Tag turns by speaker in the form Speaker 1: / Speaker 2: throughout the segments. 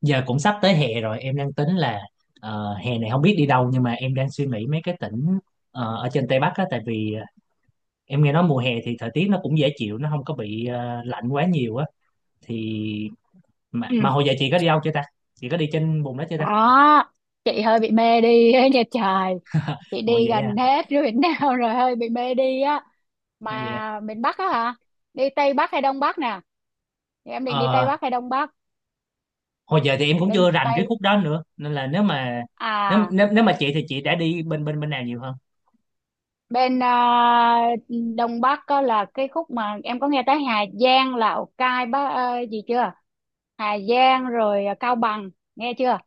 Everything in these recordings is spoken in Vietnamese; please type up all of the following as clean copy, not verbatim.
Speaker 1: Giờ cũng sắp tới hè rồi, em đang tính là hè này không biết đi đâu, nhưng mà em đang suy nghĩ mấy cái tỉnh ở trên Tây Bắc á. Tại vì em nghe nói mùa hè thì thời tiết nó cũng dễ chịu, nó không có bị lạnh quá nhiều á. Thì mà,
Speaker 2: Ừ,
Speaker 1: mà hồi giờ chị có đi đâu chưa ta? Chị có đi trên vùng đó chưa ta?
Speaker 2: đó, chị hơi bị mê đi ấy nha trời. Chị
Speaker 1: Hồi
Speaker 2: đi
Speaker 1: vậy à?
Speaker 2: gần hết rồi miền nào rồi hơi bị mê đi á.
Speaker 1: Ồ, vậy à.
Speaker 2: Mà miền Bắc á hả, đi Tây Bắc hay Đông Bắc nè? Thì em định đi Tây
Speaker 1: Ờ,
Speaker 2: Bắc hay Đông Bắc
Speaker 1: hồi giờ thì em cũng
Speaker 2: bên
Speaker 1: chưa rành cái
Speaker 2: Tây
Speaker 1: khúc đó nữa, nên là nếu mà nếu
Speaker 2: à?
Speaker 1: nếu, nếu mà chị thì chị đã đi bên bên bên nào nhiều hơn?
Speaker 2: Bên à, Đông Bắc có là cái khúc mà em có nghe tới Hà Giang, Lào Cai, bác gì chưa? Hà Giang rồi à, Cao Bằng, nghe chưa?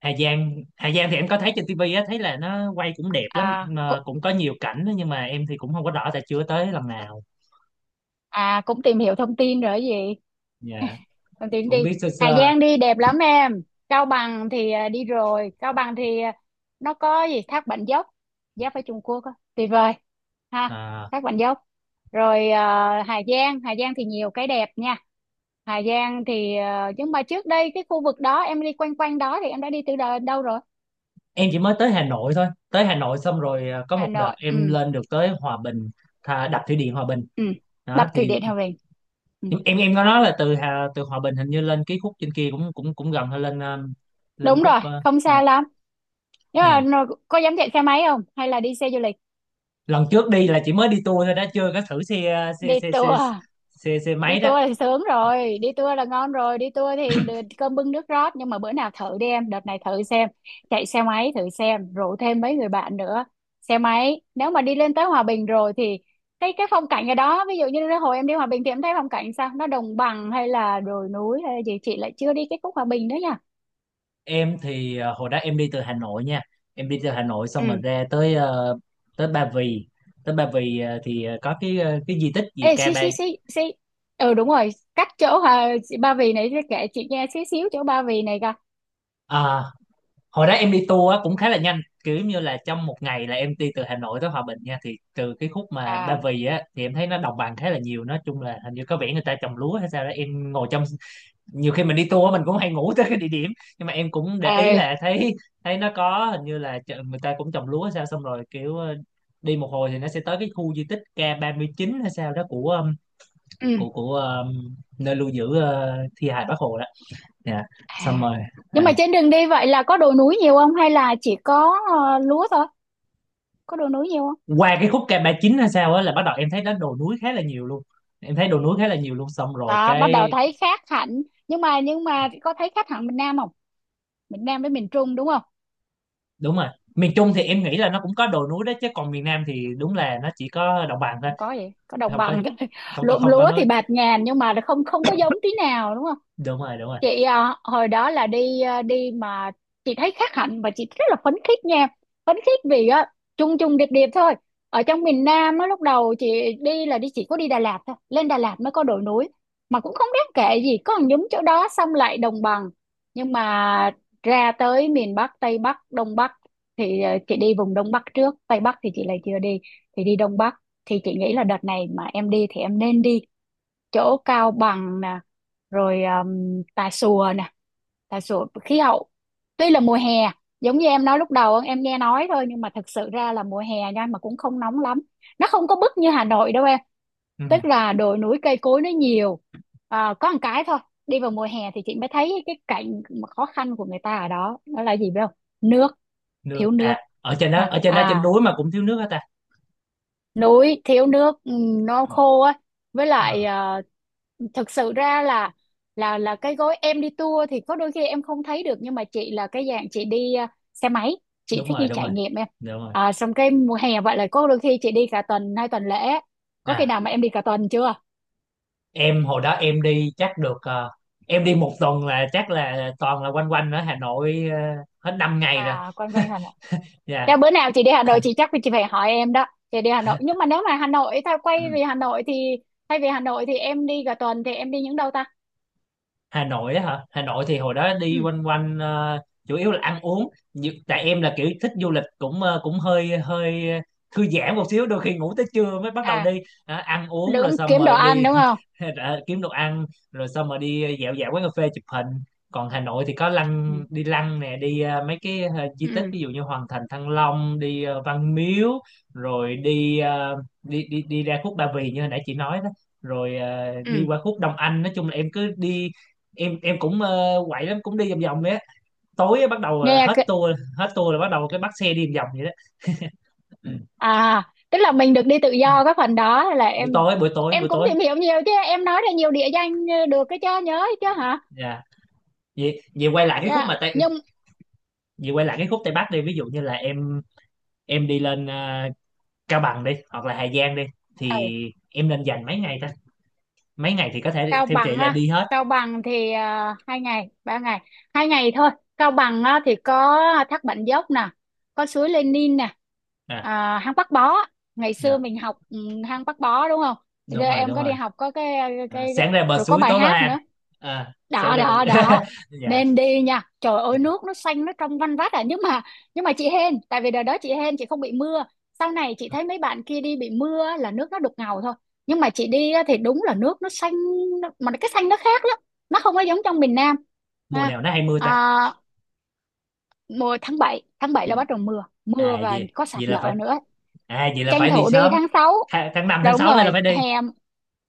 Speaker 1: Hà Giang, Hà Giang thì em có thấy trên tivi á, thấy là nó quay cũng đẹp lắm
Speaker 2: À
Speaker 1: mà
Speaker 2: cũng,
Speaker 1: cũng có nhiều cảnh đó, nhưng mà em thì cũng không có rõ tại chưa tới lần nào.
Speaker 2: à cũng tìm hiểu thông tin rồi gì.
Speaker 1: Dạ,
Speaker 2: Đồng Tiến
Speaker 1: cũng
Speaker 2: đi.
Speaker 1: biết sơ
Speaker 2: Hà
Speaker 1: sơ.
Speaker 2: Giang đi đẹp lắm em. Cao Bằng thì à, đi rồi. Cao Bằng thì à, nó có gì thác Bản Dốc, giáp với Trung Quốc á, tuyệt vời ha.
Speaker 1: À,
Speaker 2: Thác Bản Dốc rồi à, Hà Giang. Hà Giang thì nhiều cái đẹp nha. Hà Giang thì à, nhưng mà trước đây cái khu vực đó em đi quanh quanh đó thì em đã đi từ đâu rồi?
Speaker 1: em chỉ mới tới Hà Nội thôi, tới Hà Nội xong rồi có
Speaker 2: Hà
Speaker 1: một đợt
Speaker 2: Nội,
Speaker 1: em
Speaker 2: ừ.
Speaker 1: lên được tới Hòa Bình, thà đập thủy điện Hòa Bình
Speaker 2: Ừ, đập
Speaker 1: đó.
Speaker 2: thủy
Speaker 1: Thì
Speaker 2: điện Hòa Bình. Ừ.
Speaker 1: em có nói là từ Hà từ Hòa Bình hình như lên cái khúc trên kia cũng cũng cũng gần, hay lên lên
Speaker 2: Đúng
Speaker 1: khúc
Speaker 2: rồi, không
Speaker 1: dạ,
Speaker 2: xa lắm, nhưng
Speaker 1: dạ.
Speaker 2: mà có dám chạy xe máy không hay là đi xe du lịch?
Speaker 1: Lần trước đi là chỉ mới đi tour thôi đó, chưa có thử xe, xe
Speaker 2: Đi
Speaker 1: xe xe
Speaker 2: tour à?
Speaker 1: xe, xe
Speaker 2: Đi
Speaker 1: máy đó.
Speaker 2: tour thì sướng rồi, đi tour là ngon rồi, đi tour thì được cơm bưng nước rót, nhưng mà bữa nào thử đi em, đợt này thử xem, chạy xe máy thử xem, rủ thêm mấy người bạn nữa. Xe máy nếu mà đi lên tới Hòa Bình rồi thì cái phong cảnh ở đó, ví dụ như hồi em đi Hòa Bình thì em thấy phong cảnh sao, nó đồng bằng hay là đồi núi hay là gì, chị lại chưa đi cái khúc Hòa Bình nữa nha.
Speaker 1: Em thì hồi đó em đi từ Hà Nội nha. Em đi từ Hà Nội xong rồi
Speaker 2: Ừ.
Speaker 1: ra tới tới Ba Vì, tới Ba Vì thì có cái cái di tích
Speaker 2: Ê,
Speaker 1: gì Ca
Speaker 2: xí
Speaker 1: Ba.
Speaker 2: xí xí xí, ừ đúng rồi, cách chỗ Hòa, Ba Vì này kể chị nghe xí xíu chỗ Ba Vì này coi.
Speaker 1: À, hồi đó em đi tour á, cũng khá là nhanh, kiểu như là trong một ngày là em đi từ Hà Nội tới Hòa Bình nha. Thì từ cái khúc mà
Speaker 2: À,
Speaker 1: Ba Vì á thì em thấy nó đồng bằng khá là nhiều, nói chung là hình như có vẻ người ta trồng lúa hay sao đó. Em ngồi trong, nhiều khi mình đi tour mình cũng hay ngủ tới cái địa điểm, nhưng mà em cũng để ý
Speaker 2: à.
Speaker 1: là thấy, thấy nó có hình như là người ta cũng trồng lúa hay sao. Xong rồi kiểu đi một hồi thì nó sẽ tới cái khu di tích K39 hay sao đó của
Speaker 2: Ừ.
Speaker 1: của nơi lưu giữ thi hài Bác Hồ đó. Dạ. Xong
Speaker 2: À,
Speaker 1: rồi
Speaker 2: nhưng mà
Speaker 1: à.
Speaker 2: trên đường đi vậy là có đồi núi nhiều không hay là chỉ có lúa thôi? Có đồi núi nhiều không?
Speaker 1: Qua cái khúc K39 hay sao á là bắt đầu em thấy nó đồi núi khá là nhiều luôn. Em thấy đồi núi khá là nhiều luôn. Xong rồi
Speaker 2: Đó, bắt đầu
Speaker 1: cái,
Speaker 2: thấy khác hẳn. Nhưng mà có thấy khác hẳn miền Nam không? Miền Nam với miền Trung, đúng không?
Speaker 1: đúng rồi. Miền Trung thì em nghĩ là nó cũng có đồi núi đó chứ, còn miền Nam thì đúng là nó chỉ có đồng bằng thôi.
Speaker 2: Không có gì, có đồng
Speaker 1: Không có,
Speaker 2: bằng thôi.
Speaker 1: không có,
Speaker 2: Ruộng
Speaker 1: không có
Speaker 2: lúa thì
Speaker 1: nói.
Speaker 2: bạt ngàn nhưng mà không không có giống tí nào, đúng không?
Speaker 1: Đúng rồi, đúng rồi.
Speaker 2: Chị à, hồi đó là đi à, đi mà chị thấy khác hẳn và chị rất là phấn khích nha. Phấn khích vì á, chung chung điệp điệp thôi. Ở trong miền Nam á, lúc đầu chị đi là đi chỉ có đi Đà Lạt thôi, lên Đà Lạt mới có đồi núi mà cũng không đáng kể gì, có một nhúm chỗ đó xong lại đồng bằng. Nhưng mà ra tới miền Bắc, Tây Bắc, Đông Bắc thì à, chị đi vùng Đông Bắc trước, Tây Bắc thì chị lại chưa đi. Thì đi Đông Bắc thì chị nghĩ là đợt này mà em đi thì em nên đi chỗ Cao Bằng nè, rồi Tà Xùa nè. Tà Xùa khí hậu tuy là mùa hè, giống như em nói lúc đầu em nghe nói thôi, nhưng mà thật sự ra là mùa hè nha mà cũng không nóng lắm, nó không có bức như Hà Nội đâu em.
Speaker 1: Ừ.
Speaker 2: Tức là đồi núi cây cối nó nhiều. À, có một cái thôi, đi vào mùa hè thì chị mới thấy cái cảnh mà khó khăn của người ta ở đó, đó là gì biết không? Nước.
Speaker 1: Nước
Speaker 2: Thiếu
Speaker 1: à?
Speaker 2: nước.
Speaker 1: Ở trên đó,
Speaker 2: Ha
Speaker 1: ở trên đó, trên
Speaker 2: à,
Speaker 1: núi mà cũng thiếu nước hả ta?
Speaker 2: núi thiếu nước, ừ, nó khô á. Với lại
Speaker 1: Ờ,
Speaker 2: thực sự ra là là cái gói em đi tour thì có đôi khi em không thấy được, nhưng mà chị là cái dạng chị đi à, xe máy, chị
Speaker 1: đúng
Speaker 2: thích
Speaker 1: rồi,
Speaker 2: đi
Speaker 1: đúng rồi,
Speaker 2: trải nghiệm em.
Speaker 1: đúng rồi.
Speaker 2: À, xong cái mùa hè vậy là có đôi khi chị đi cả tuần, hai tuần lễ. Có khi
Speaker 1: À,
Speaker 2: nào mà em đi cả tuần chưa?
Speaker 1: em hồi đó em đi chắc được em đi một tuần là chắc là toàn là quanh quanh ở Hà Nội, hết 5 ngày rồi.
Speaker 2: À quanh quanh Hà Nội.
Speaker 1: Dạ.
Speaker 2: Thế bữa nào chị đi Hà Nội chị chắc chị phải hỏi em đó. Chị đi Hà Nội, nhưng mà nếu mà Hà Nội tao quay về Hà Nội thì thay vì Hà Nội thì em đi cả tuần thì em đi những đâu ta?
Speaker 1: Hà Nội á hả? Hà Nội thì hồi đó đi
Speaker 2: Ừ.
Speaker 1: quanh quanh, chủ yếu là ăn uống. Tại em là kiểu thích du lịch cũng cũng hơi hơi thư giãn một xíu, đôi khi ngủ tới trưa mới bắt đầu
Speaker 2: À
Speaker 1: đi. Đó, ăn uống rồi
Speaker 2: đúng,
Speaker 1: xong
Speaker 2: kiếm đồ
Speaker 1: rồi
Speaker 2: ăn
Speaker 1: đi.
Speaker 2: đúng không?
Speaker 1: Ra kiếm đồ ăn rồi xong rồi đi dạo dạo quán cà phê chụp hình. Còn Hà Nội thì có
Speaker 2: Ừ.
Speaker 1: lăng, đi lăng nè, đi mấy cái di
Speaker 2: Ừ.
Speaker 1: tích, ví dụ như Hoàng Thành Thăng Long, đi Văn Miếu, rồi đi, đi đi đi ra khúc Ba Vì như hồi nãy chị nói đó, rồi đi
Speaker 2: Ừ.
Speaker 1: qua khúc Đông Anh. Nói chung là em cứ đi, em cũng quậy lắm, cũng đi vòng vòng đấy á. Tối á, bắt đầu
Speaker 2: Nghe
Speaker 1: hết
Speaker 2: cái,
Speaker 1: tour, hết tour là bắt đầu cái bắt xe đi vòng vòng vậy đó. Ừ.
Speaker 2: à, tức là mình được đi tự do cái phần đó là em
Speaker 1: Buổi tối, buổi tối, buổi
Speaker 2: em cũng
Speaker 1: tối.
Speaker 2: tìm hiểu nhiều chứ, em nói ra nhiều địa danh được cái cho nhớ chứ hả.
Speaker 1: Dạ. Vậy vậy quay lại cái khúc
Speaker 2: Dạ.
Speaker 1: mà Tây,
Speaker 2: Nhưng
Speaker 1: vậy quay lại cái khúc Tây Bắc đi. Ví dụ như là em đi lên Cao Bằng đi hoặc là Hà Giang đi,
Speaker 2: ở
Speaker 1: thì em nên dành mấy ngày ta? Mấy ngày thì có thể
Speaker 2: Cao
Speaker 1: theo chị
Speaker 2: Bằng
Speaker 1: là
Speaker 2: á,
Speaker 1: đi hết.
Speaker 2: Cao Bằng thì à, hai ngày ba ngày, hai ngày thôi. Cao Bằng á, thì có thác Bản Dốc nè, có suối Lenin nè,
Speaker 1: À,
Speaker 2: à, hang Bác Bó. Ngày xưa
Speaker 1: dạ,
Speaker 2: mình học ừ, hang Bác Bó đúng không? Giờ
Speaker 1: đúng rồi,
Speaker 2: em
Speaker 1: đúng
Speaker 2: có
Speaker 1: rồi.
Speaker 2: đi học có cái
Speaker 1: À,
Speaker 2: cái
Speaker 1: sáng ra bờ
Speaker 2: rồi có
Speaker 1: suối
Speaker 2: bài
Speaker 1: tối vào
Speaker 2: hát
Speaker 1: hang.
Speaker 2: nữa.
Speaker 1: À, sáng
Speaker 2: Đó
Speaker 1: ra bờ suối.
Speaker 2: đó đó,
Speaker 1: Dạ.
Speaker 2: nên đi nha, trời ơi, nước nó xanh, nó trong văn vắt à, nhưng mà, nhưng mà chị hên, tại vì đợt đó chị hên chị không bị mưa. Sau này chị thấy mấy bạn kia đi bị mưa á, là nước nó đục ngầu thôi, nhưng mà chị đi á, thì đúng là nước nó xanh, mà cái xanh nó khác lắm, nó không có giống trong miền Nam.
Speaker 1: Mùa
Speaker 2: Ha,
Speaker 1: nào nó hay mưa ta?
Speaker 2: à, mùa tháng bảy, tháng 7 là
Speaker 1: Mùa...
Speaker 2: bắt đầu mưa mưa
Speaker 1: À
Speaker 2: và
Speaker 1: gì?
Speaker 2: có sạt
Speaker 1: Vậy là
Speaker 2: lở
Speaker 1: phải,
Speaker 2: nữa,
Speaker 1: vậy là
Speaker 2: tranh
Speaker 1: phải đi
Speaker 2: thủ đi
Speaker 1: sớm.
Speaker 2: tháng 6.
Speaker 1: Tháng 5 tháng
Speaker 2: Đúng
Speaker 1: 6 này là
Speaker 2: rồi
Speaker 1: phải đi.
Speaker 2: hè.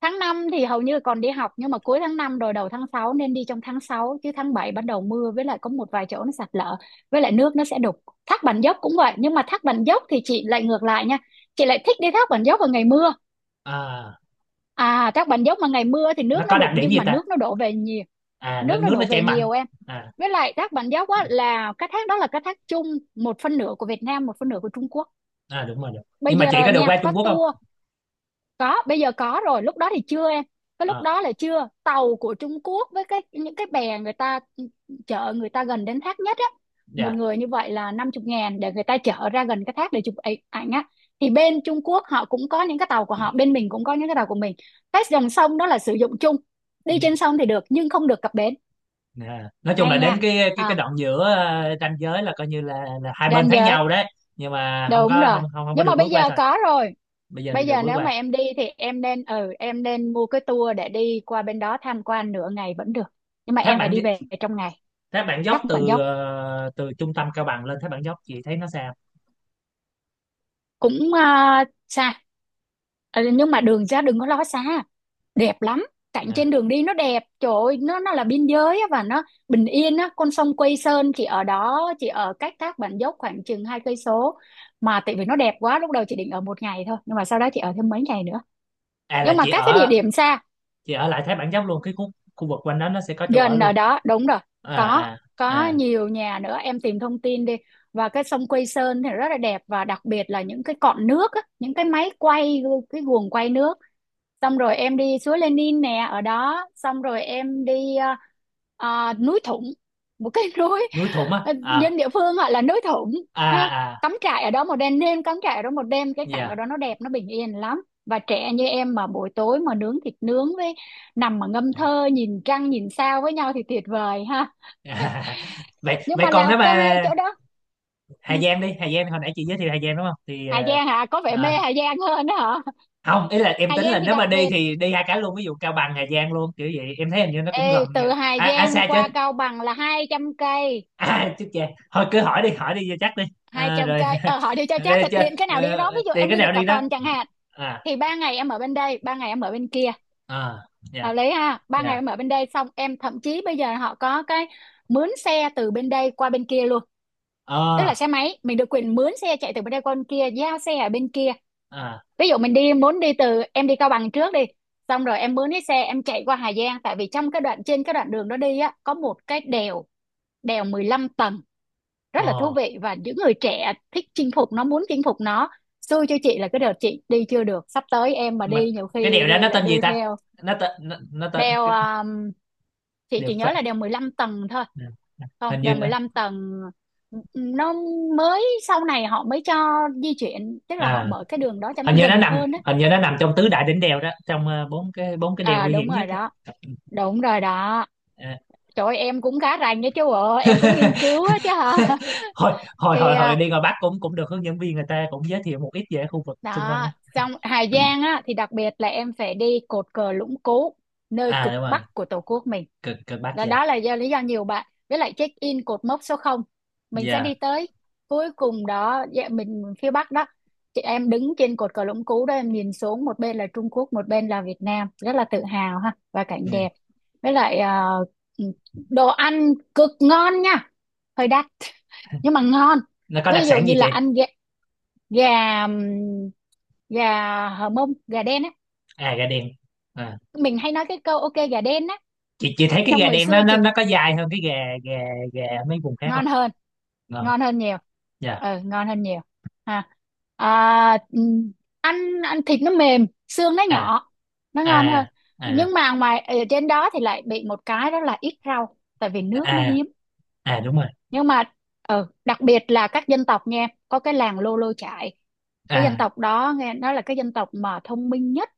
Speaker 2: Tháng 5 thì hầu như còn đi học, nhưng mà cuối tháng 5 rồi đầu tháng sáu, nên đi trong tháng sáu, chứ tháng 7 bắt đầu mưa với lại có một vài chỗ nó sạt lở, với lại nước nó sẽ đục. Thác Bản Dốc cũng vậy, nhưng mà Thác Bản Dốc thì chị lại ngược lại nha. Chị lại thích đi Thác Bản Dốc vào ngày mưa.
Speaker 1: À,
Speaker 2: À Thác Bản Dốc mà ngày mưa thì
Speaker 1: nó
Speaker 2: nước nó
Speaker 1: có đặc
Speaker 2: đục,
Speaker 1: điểm
Speaker 2: nhưng
Speaker 1: gì
Speaker 2: mà
Speaker 1: ta?
Speaker 2: nước nó đổ về nhiều,
Speaker 1: À nó,
Speaker 2: nước nó
Speaker 1: nước nó
Speaker 2: đổ
Speaker 1: chảy
Speaker 2: về
Speaker 1: mạnh.
Speaker 2: nhiều em.
Speaker 1: À,
Speaker 2: Với lại Thác Bản Dốc á là cái thác đó là cái thác chung, một phân nửa của Việt Nam, một phân nửa của Trung Quốc.
Speaker 1: à đúng rồi, đúng.
Speaker 2: Bây
Speaker 1: Nhưng mà chị
Speaker 2: giờ
Speaker 1: có được
Speaker 2: nha,
Speaker 1: qua
Speaker 2: có
Speaker 1: Trung Quốc không?
Speaker 2: tour. Có, bây giờ có rồi, lúc đó thì chưa em. Cái lúc
Speaker 1: À,
Speaker 2: đó là chưa, tàu của Trung Quốc với cái những cái bè người ta chở người ta gần đến thác nhất á, một
Speaker 1: dạ.
Speaker 2: người như vậy là 50 ngàn để người ta chở ra gần cái thác để chụp ảnh ảnh á. Thì bên Trung Quốc họ cũng có những cái tàu của họ, bên mình cũng có những cái tàu của mình. Cái dòng sông đó là sử dụng chung, đi trên sông thì được nhưng không được cập bến.
Speaker 1: Nè, nói chung
Speaker 2: Hay
Speaker 1: là
Speaker 2: nha.
Speaker 1: đến cái cái
Speaker 2: À,
Speaker 1: đoạn giữa ranh giới là coi như là hai bên
Speaker 2: ranh
Speaker 1: thấy
Speaker 2: giới.
Speaker 1: nhau đấy, nhưng mà không
Speaker 2: Đúng
Speaker 1: có,
Speaker 2: rồi.
Speaker 1: không không không có
Speaker 2: Nhưng
Speaker 1: được
Speaker 2: mà
Speaker 1: bước
Speaker 2: bây
Speaker 1: qua
Speaker 2: giờ
Speaker 1: thôi.
Speaker 2: có rồi.
Speaker 1: Bây giờ thì
Speaker 2: Bây
Speaker 1: được
Speaker 2: giờ
Speaker 1: bước
Speaker 2: nếu mà
Speaker 1: qua.
Speaker 2: em đi thì em nên ừ em nên mua cái tour để đi qua bên đó tham quan nửa ngày vẫn được. Nhưng mà
Speaker 1: Thác
Speaker 2: em phải
Speaker 1: Bản,
Speaker 2: đi về trong ngày.
Speaker 1: thác Bản Dốc
Speaker 2: Thác Bản
Speaker 1: từ
Speaker 2: Dốc
Speaker 1: từ trung tâm Cao Bằng lên thác Bản Dốc chị thấy nó sao?
Speaker 2: cũng à, xa. Ừ, nhưng mà đường ra đừng có lo xa, đẹp lắm. Cảnh
Speaker 1: À,
Speaker 2: trên đường đi nó đẹp, trời ơi, nó là biên giới á, và nó bình yên á, con sông Quây Sơn chỉ ở đó, chỉ ở cách Thác Bản Dốc khoảng chừng 2 cây số. Mà tại vì nó đẹp quá, lúc đầu chị định ở một ngày thôi, nhưng mà sau đó chị ở thêm mấy ngày nữa.
Speaker 1: à là
Speaker 2: Nhưng mà
Speaker 1: chị
Speaker 2: các cái địa
Speaker 1: ở,
Speaker 2: điểm xa
Speaker 1: chị ở lại thác Bản Dốc luôn, cái khu, khu vực quanh đó nó sẽ có chỗ ở
Speaker 2: gần ở
Speaker 1: luôn?
Speaker 2: đó, đúng rồi,
Speaker 1: À.
Speaker 2: có
Speaker 1: À.
Speaker 2: có
Speaker 1: À.
Speaker 2: nhiều nhà nữa, em tìm thông tin đi. Và cái sông Quây Sơn thì rất là đẹp, và đặc biệt là những cái cọn nước á, những cái máy quay, cái guồng quay nước. Xong rồi em đi suối Lenin nè, ở đó xong rồi em đi núi Thủng, một cái núi,
Speaker 1: Núi Thủng á
Speaker 2: ờ,
Speaker 1: à?
Speaker 2: dân địa phương gọi là núi Thủng
Speaker 1: À.
Speaker 2: ha.
Speaker 1: À.
Speaker 2: Cắm trại ở đó một đêm, nên cắm trại ở đó một đêm, cái cảnh ở
Speaker 1: Dạ.
Speaker 2: đó nó đẹp, nó bình yên lắm, và trẻ như em mà buổi tối mà nướng thịt nướng với nằm mà ngâm thơ, nhìn trăng nhìn sao với nhau thì tuyệt vời ha.
Speaker 1: Vậy
Speaker 2: Nhưng
Speaker 1: vậy
Speaker 2: mà
Speaker 1: còn
Speaker 2: Lào
Speaker 1: nếu mà
Speaker 2: Cai chỗ đó,
Speaker 1: Hà
Speaker 2: ừ,
Speaker 1: Giang, đi Hà Giang, hồi nãy chị giới thiệu Hà Giang đúng không? Thì
Speaker 2: Hà Giang hả, có vẻ mê
Speaker 1: ờ,
Speaker 2: Hà Giang hơn đó hả?
Speaker 1: không, ý là em
Speaker 2: Hà
Speaker 1: tính là
Speaker 2: Giang thì
Speaker 1: nếu mà
Speaker 2: đặc
Speaker 1: đi
Speaker 2: biệt.
Speaker 1: thì đi hai cái luôn, ví dụ Cao Bằng Hà Giang luôn kiểu vậy. Em thấy hình như nó cũng gần
Speaker 2: Ê, từ
Speaker 1: nha.
Speaker 2: Hà
Speaker 1: À, à
Speaker 2: Giang
Speaker 1: xa chứ.
Speaker 2: qua Cao Bằng là 200 cây,
Speaker 1: À chứ chà. Thôi cứ hỏi đi, hỏi đi cho chắc đi.
Speaker 2: hai
Speaker 1: À,
Speaker 2: trăm
Speaker 1: rồi.
Speaker 2: cây. Ờ, hỏi đi cho chắc,
Speaker 1: Đây
Speaker 2: là
Speaker 1: chứ.
Speaker 2: tiện cái nào đi cái đó. Ví dụ
Speaker 1: Tiền
Speaker 2: em
Speaker 1: cái
Speaker 2: đi
Speaker 1: nào
Speaker 2: được cả
Speaker 1: đi đó.
Speaker 2: tuần chẳng hạn,
Speaker 1: À.
Speaker 2: thì ba ngày em ở bên đây, ba ngày em ở bên kia,
Speaker 1: À. Dạ.
Speaker 2: hợp lý ha. Ba ngày
Speaker 1: Dạ.
Speaker 2: em ở bên đây, xong em, thậm chí bây giờ họ có cái mướn xe từ bên đây qua bên kia luôn. Tức là
Speaker 1: Ờ.
Speaker 2: xe máy mình được quyền mướn xe chạy từ bên đây qua bên kia, giao xe ở bên kia.
Speaker 1: À.
Speaker 2: Ví dụ mình đi, muốn đi từ, em đi Cao Bằng trước đi, xong rồi em mướn cái xe em chạy qua Hà Giang. Tại vì trong cái đoạn, trên cái đoạn đường đó đi á, có một cái đèo, đèo 15 tầng, rất là thú
Speaker 1: Ờ.
Speaker 2: vị, và những người trẻ thích chinh phục nó, muốn chinh phục nó. Xui cho chị là cái đợt chị đi chưa được, sắp tới em mà
Speaker 1: Mà
Speaker 2: đi nhiều
Speaker 1: cái
Speaker 2: khi
Speaker 1: đèo đó nó
Speaker 2: lại
Speaker 1: tên gì
Speaker 2: đu
Speaker 1: ta?
Speaker 2: theo.
Speaker 1: Nó tên
Speaker 2: Đeo
Speaker 1: cái
Speaker 2: chị
Speaker 1: đèo
Speaker 2: chỉ
Speaker 1: phệ,
Speaker 2: nhớ là đeo 15 tầng thôi, không,
Speaker 1: hình
Speaker 2: đèo
Speaker 1: như nó,
Speaker 2: 15 tầng. Nó mới, sau này họ mới cho di chuyển, tức là họ
Speaker 1: à
Speaker 2: mở cái đường đó cho nó
Speaker 1: hình như nó
Speaker 2: gần
Speaker 1: nằm,
Speaker 2: hơn á.
Speaker 1: hình như nó nằm trong tứ đại đỉnh đèo đó, trong bốn cái, bốn cái đèo
Speaker 2: À,
Speaker 1: nguy
Speaker 2: đúng
Speaker 1: hiểm nhất
Speaker 2: rồi
Speaker 1: á.
Speaker 2: đó, đúng rồi đó.
Speaker 1: À.
Speaker 2: Trời ơi, em cũng khá rành đấy chứ, bộ em cũng nghiên cứu á chứ hả?
Speaker 1: hồi hồi
Speaker 2: Thì
Speaker 1: hồi hồi
Speaker 2: à,
Speaker 1: đi ngoài Bắc cũng cũng được hướng dẫn viên người ta cũng giới thiệu một ít về khu vực xung quanh đó.
Speaker 2: đó. Xong Hà Giang á thì đặc biệt là em phải đi cột cờ Lũng Cú, nơi
Speaker 1: À
Speaker 2: cực
Speaker 1: đúng rồi.
Speaker 2: bắc của Tổ quốc mình.
Speaker 1: Cực Cực Bắc.
Speaker 2: Đó,
Speaker 1: Dạ.
Speaker 2: đó là do lý do nhiều bạn với lại check in cột mốc số không, mình sẽ
Speaker 1: Dạ.
Speaker 2: đi tới cuối cùng đó, dạ, mình phía bắc đó. Chị, em đứng trên cột cờ Lũng Cú đó, em nhìn xuống một bên là Trung Quốc, một bên là Việt Nam, rất là tự hào ha, và cảnh
Speaker 1: Ừ.
Speaker 2: đẹp. Với lại ờ, đồ ăn cực ngon nha, hơi đắt nhưng mà ngon.
Speaker 1: Nó có
Speaker 2: Ví
Speaker 1: đặc
Speaker 2: dụ
Speaker 1: sản
Speaker 2: như
Speaker 1: gì chị?
Speaker 2: là ăn gà, gà gà hờ mông, gà đen á.
Speaker 1: À gà đen. À.
Speaker 2: Mình hay nói cái câu ok gà đen á.
Speaker 1: Chị thấy cái
Speaker 2: Trong
Speaker 1: gà
Speaker 2: hồi
Speaker 1: đen
Speaker 2: xưa
Speaker 1: nó nó
Speaker 2: chị,
Speaker 1: nó có dài hơn cái gà, gà gà mấy vùng khác không?
Speaker 2: ngon hơn,
Speaker 1: Ờ,
Speaker 2: ngon hơn nhiều.
Speaker 1: dạ.
Speaker 2: Ừ, ngon hơn nhiều ha. À, ăn, ăn thịt nó mềm, xương nó
Speaker 1: À.
Speaker 2: nhỏ, nó
Speaker 1: À.
Speaker 2: ngon hơn.
Speaker 1: À.
Speaker 2: Nhưng mà ngoài ở trên đó thì lại bị một cái đó là ít rau, tại vì nước nó
Speaker 1: À.
Speaker 2: hiếm.
Speaker 1: À đúng rồi.
Speaker 2: Nhưng mà ừ, đặc biệt là các dân tộc nha, có cái làng Lô Lô Chải. Cái
Speaker 1: À.
Speaker 2: dân tộc đó nghe nói là cái dân tộc mà thông minh nhất,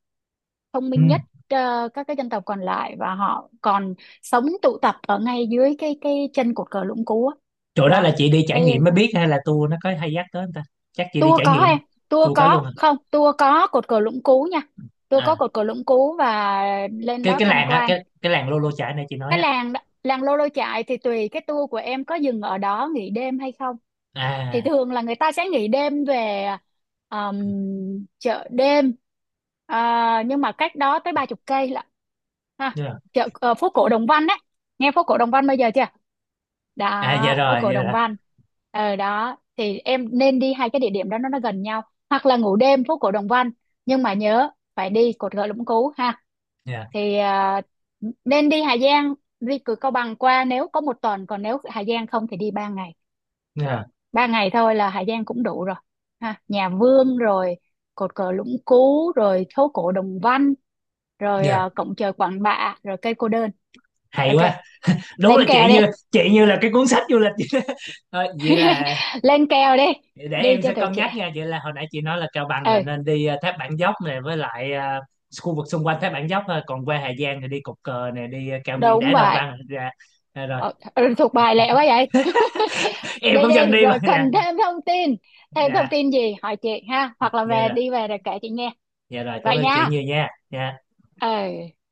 Speaker 2: thông
Speaker 1: Ừ.
Speaker 2: minh nhất ờ, các cái dân tộc còn lại, và họ còn sống tụ tập ở ngay dưới cái chân cột cờ Lũng Cú á.
Speaker 1: Chỗ đó
Speaker 2: Đó,
Speaker 1: là chị đi trải nghiệm
Speaker 2: cái
Speaker 1: mới biết hay là tour nó có hay dắt tới không ta? Chắc chị đi
Speaker 2: tour
Speaker 1: trải
Speaker 2: có
Speaker 1: nghiệm.
Speaker 2: em, tour
Speaker 1: Tour cả
Speaker 2: có
Speaker 1: luôn à?
Speaker 2: không, tour có cột cờ Lũng Cú nha. Tour có
Speaker 1: À.
Speaker 2: cột cờ Lũng Cú và lên
Speaker 1: cái
Speaker 2: đó
Speaker 1: cái
Speaker 2: tham
Speaker 1: làng á
Speaker 2: quan.
Speaker 1: cái làng Lô Lô Chải này chị nói
Speaker 2: Cái
Speaker 1: á.
Speaker 2: làng đó, làng Lô Lô Chại thì tùy cái tour của em có dừng ở đó nghỉ đêm hay không, thì
Speaker 1: À.
Speaker 2: thường là người ta sẽ nghỉ đêm về um, chợ đêm. À, nhưng mà cách đó tới ba chục cây lận ha,
Speaker 1: Dạ.
Speaker 2: chợ ờ, phố cổ Đồng Văn đấy. Nghe phố cổ Đồng Văn bây giờ chưa?
Speaker 1: À dạ
Speaker 2: Đó, phố
Speaker 1: rồi,
Speaker 2: cổ
Speaker 1: dạ
Speaker 2: Đồng
Speaker 1: rồi.
Speaker 2: Văn. Ở đó thì em nên đi hai cái địa điểm đó, nó gần nhau, hoặc là ngủ đêm phố cổ Đồng Văn. Nhưng mà nhớ phải đi cột gỗ Lũng Cú ha.
Speaker 1: Dạ.
Speaker 2: Thì à, nên đi Hà Giang, đi cửa Cao Bằng qua nếu có một tuần, còn nếu Hà Giang không thì đi ba ngày.
Speaker 1: Dạ.
Speaker 2: Ba ngày thôi là Hà Giang cũng đủ rồi ha, nhà Vương rồi, cột cờ Lũng Cú, rồi phố cổ Đồng Văn, rồi
Speaker 1: Dạ.
Speaker 2: à, cổng trời Quản Bạ, rồi cây cô đơn.
Speaker 1: Hay
Speaker 2: Ok,
Speaker 1: quá. Đúng
Speaker 2: lên
Speaker 1: là
Speaker 2: kèo
Speaker 1: chị
Speaker 2: đi.
Speaker 1: như, chị như là cái cuốn sách du lịch vậy đó. Thôi, vậy là
Speaker 2: Lên kèo đi,
Speaker 1: để
Speaker 2: đi
Speaker 1: em
Speaker 2: cho
Speaker 1: sẽ
Speaker 2: tuổi
Speaker 1: cân nhắc
Speaker 2: trẻ.
Speaker 1: nha. Vậy là hồi nãy chị nói là Cao Bằng là
Speaker 2: Ừ,
Speaker 1: nên đi Tháp Bản Dốc này với lại khu vực xung quanh Tháp Bản Dốc thôi, còn qua Hà Giang thì đi Cột Cờ này, đi cao nguyên
Speaker 2: đúng
Speaker 1: đá Đồng
Speaker 2: vậy.
Speaker 1: Văn. Dạ. Dạ rồi.
Speaker 2: Ờ, ừ, thuộc bài lẹ quá vậy. Đi
Speaker 1: Em cũng dần
Speaker 2: đi,
Speaker 1: đi mà.
Speaker 2: rồi cần
Speaker 1: Dạ.
Speaker 2: thêm thông tin, thêm thông
Speaker 1: Dạ.
Speaker 2: tin gì hỏi chị ha, hoặc là
Speaker 1: Dạ
Speaker 2: về,
Speaker 1: rồi.
Speaker 2: đi về rồi kể chị nghe.
Speaker 1: Dạ rồi, cảm
Speaker 2: Vậy
Speaker 1: ơn chị
Speaker 2: nha,
Speaker 1: nhiều nha. Dạ.
Speaker 2: ừ.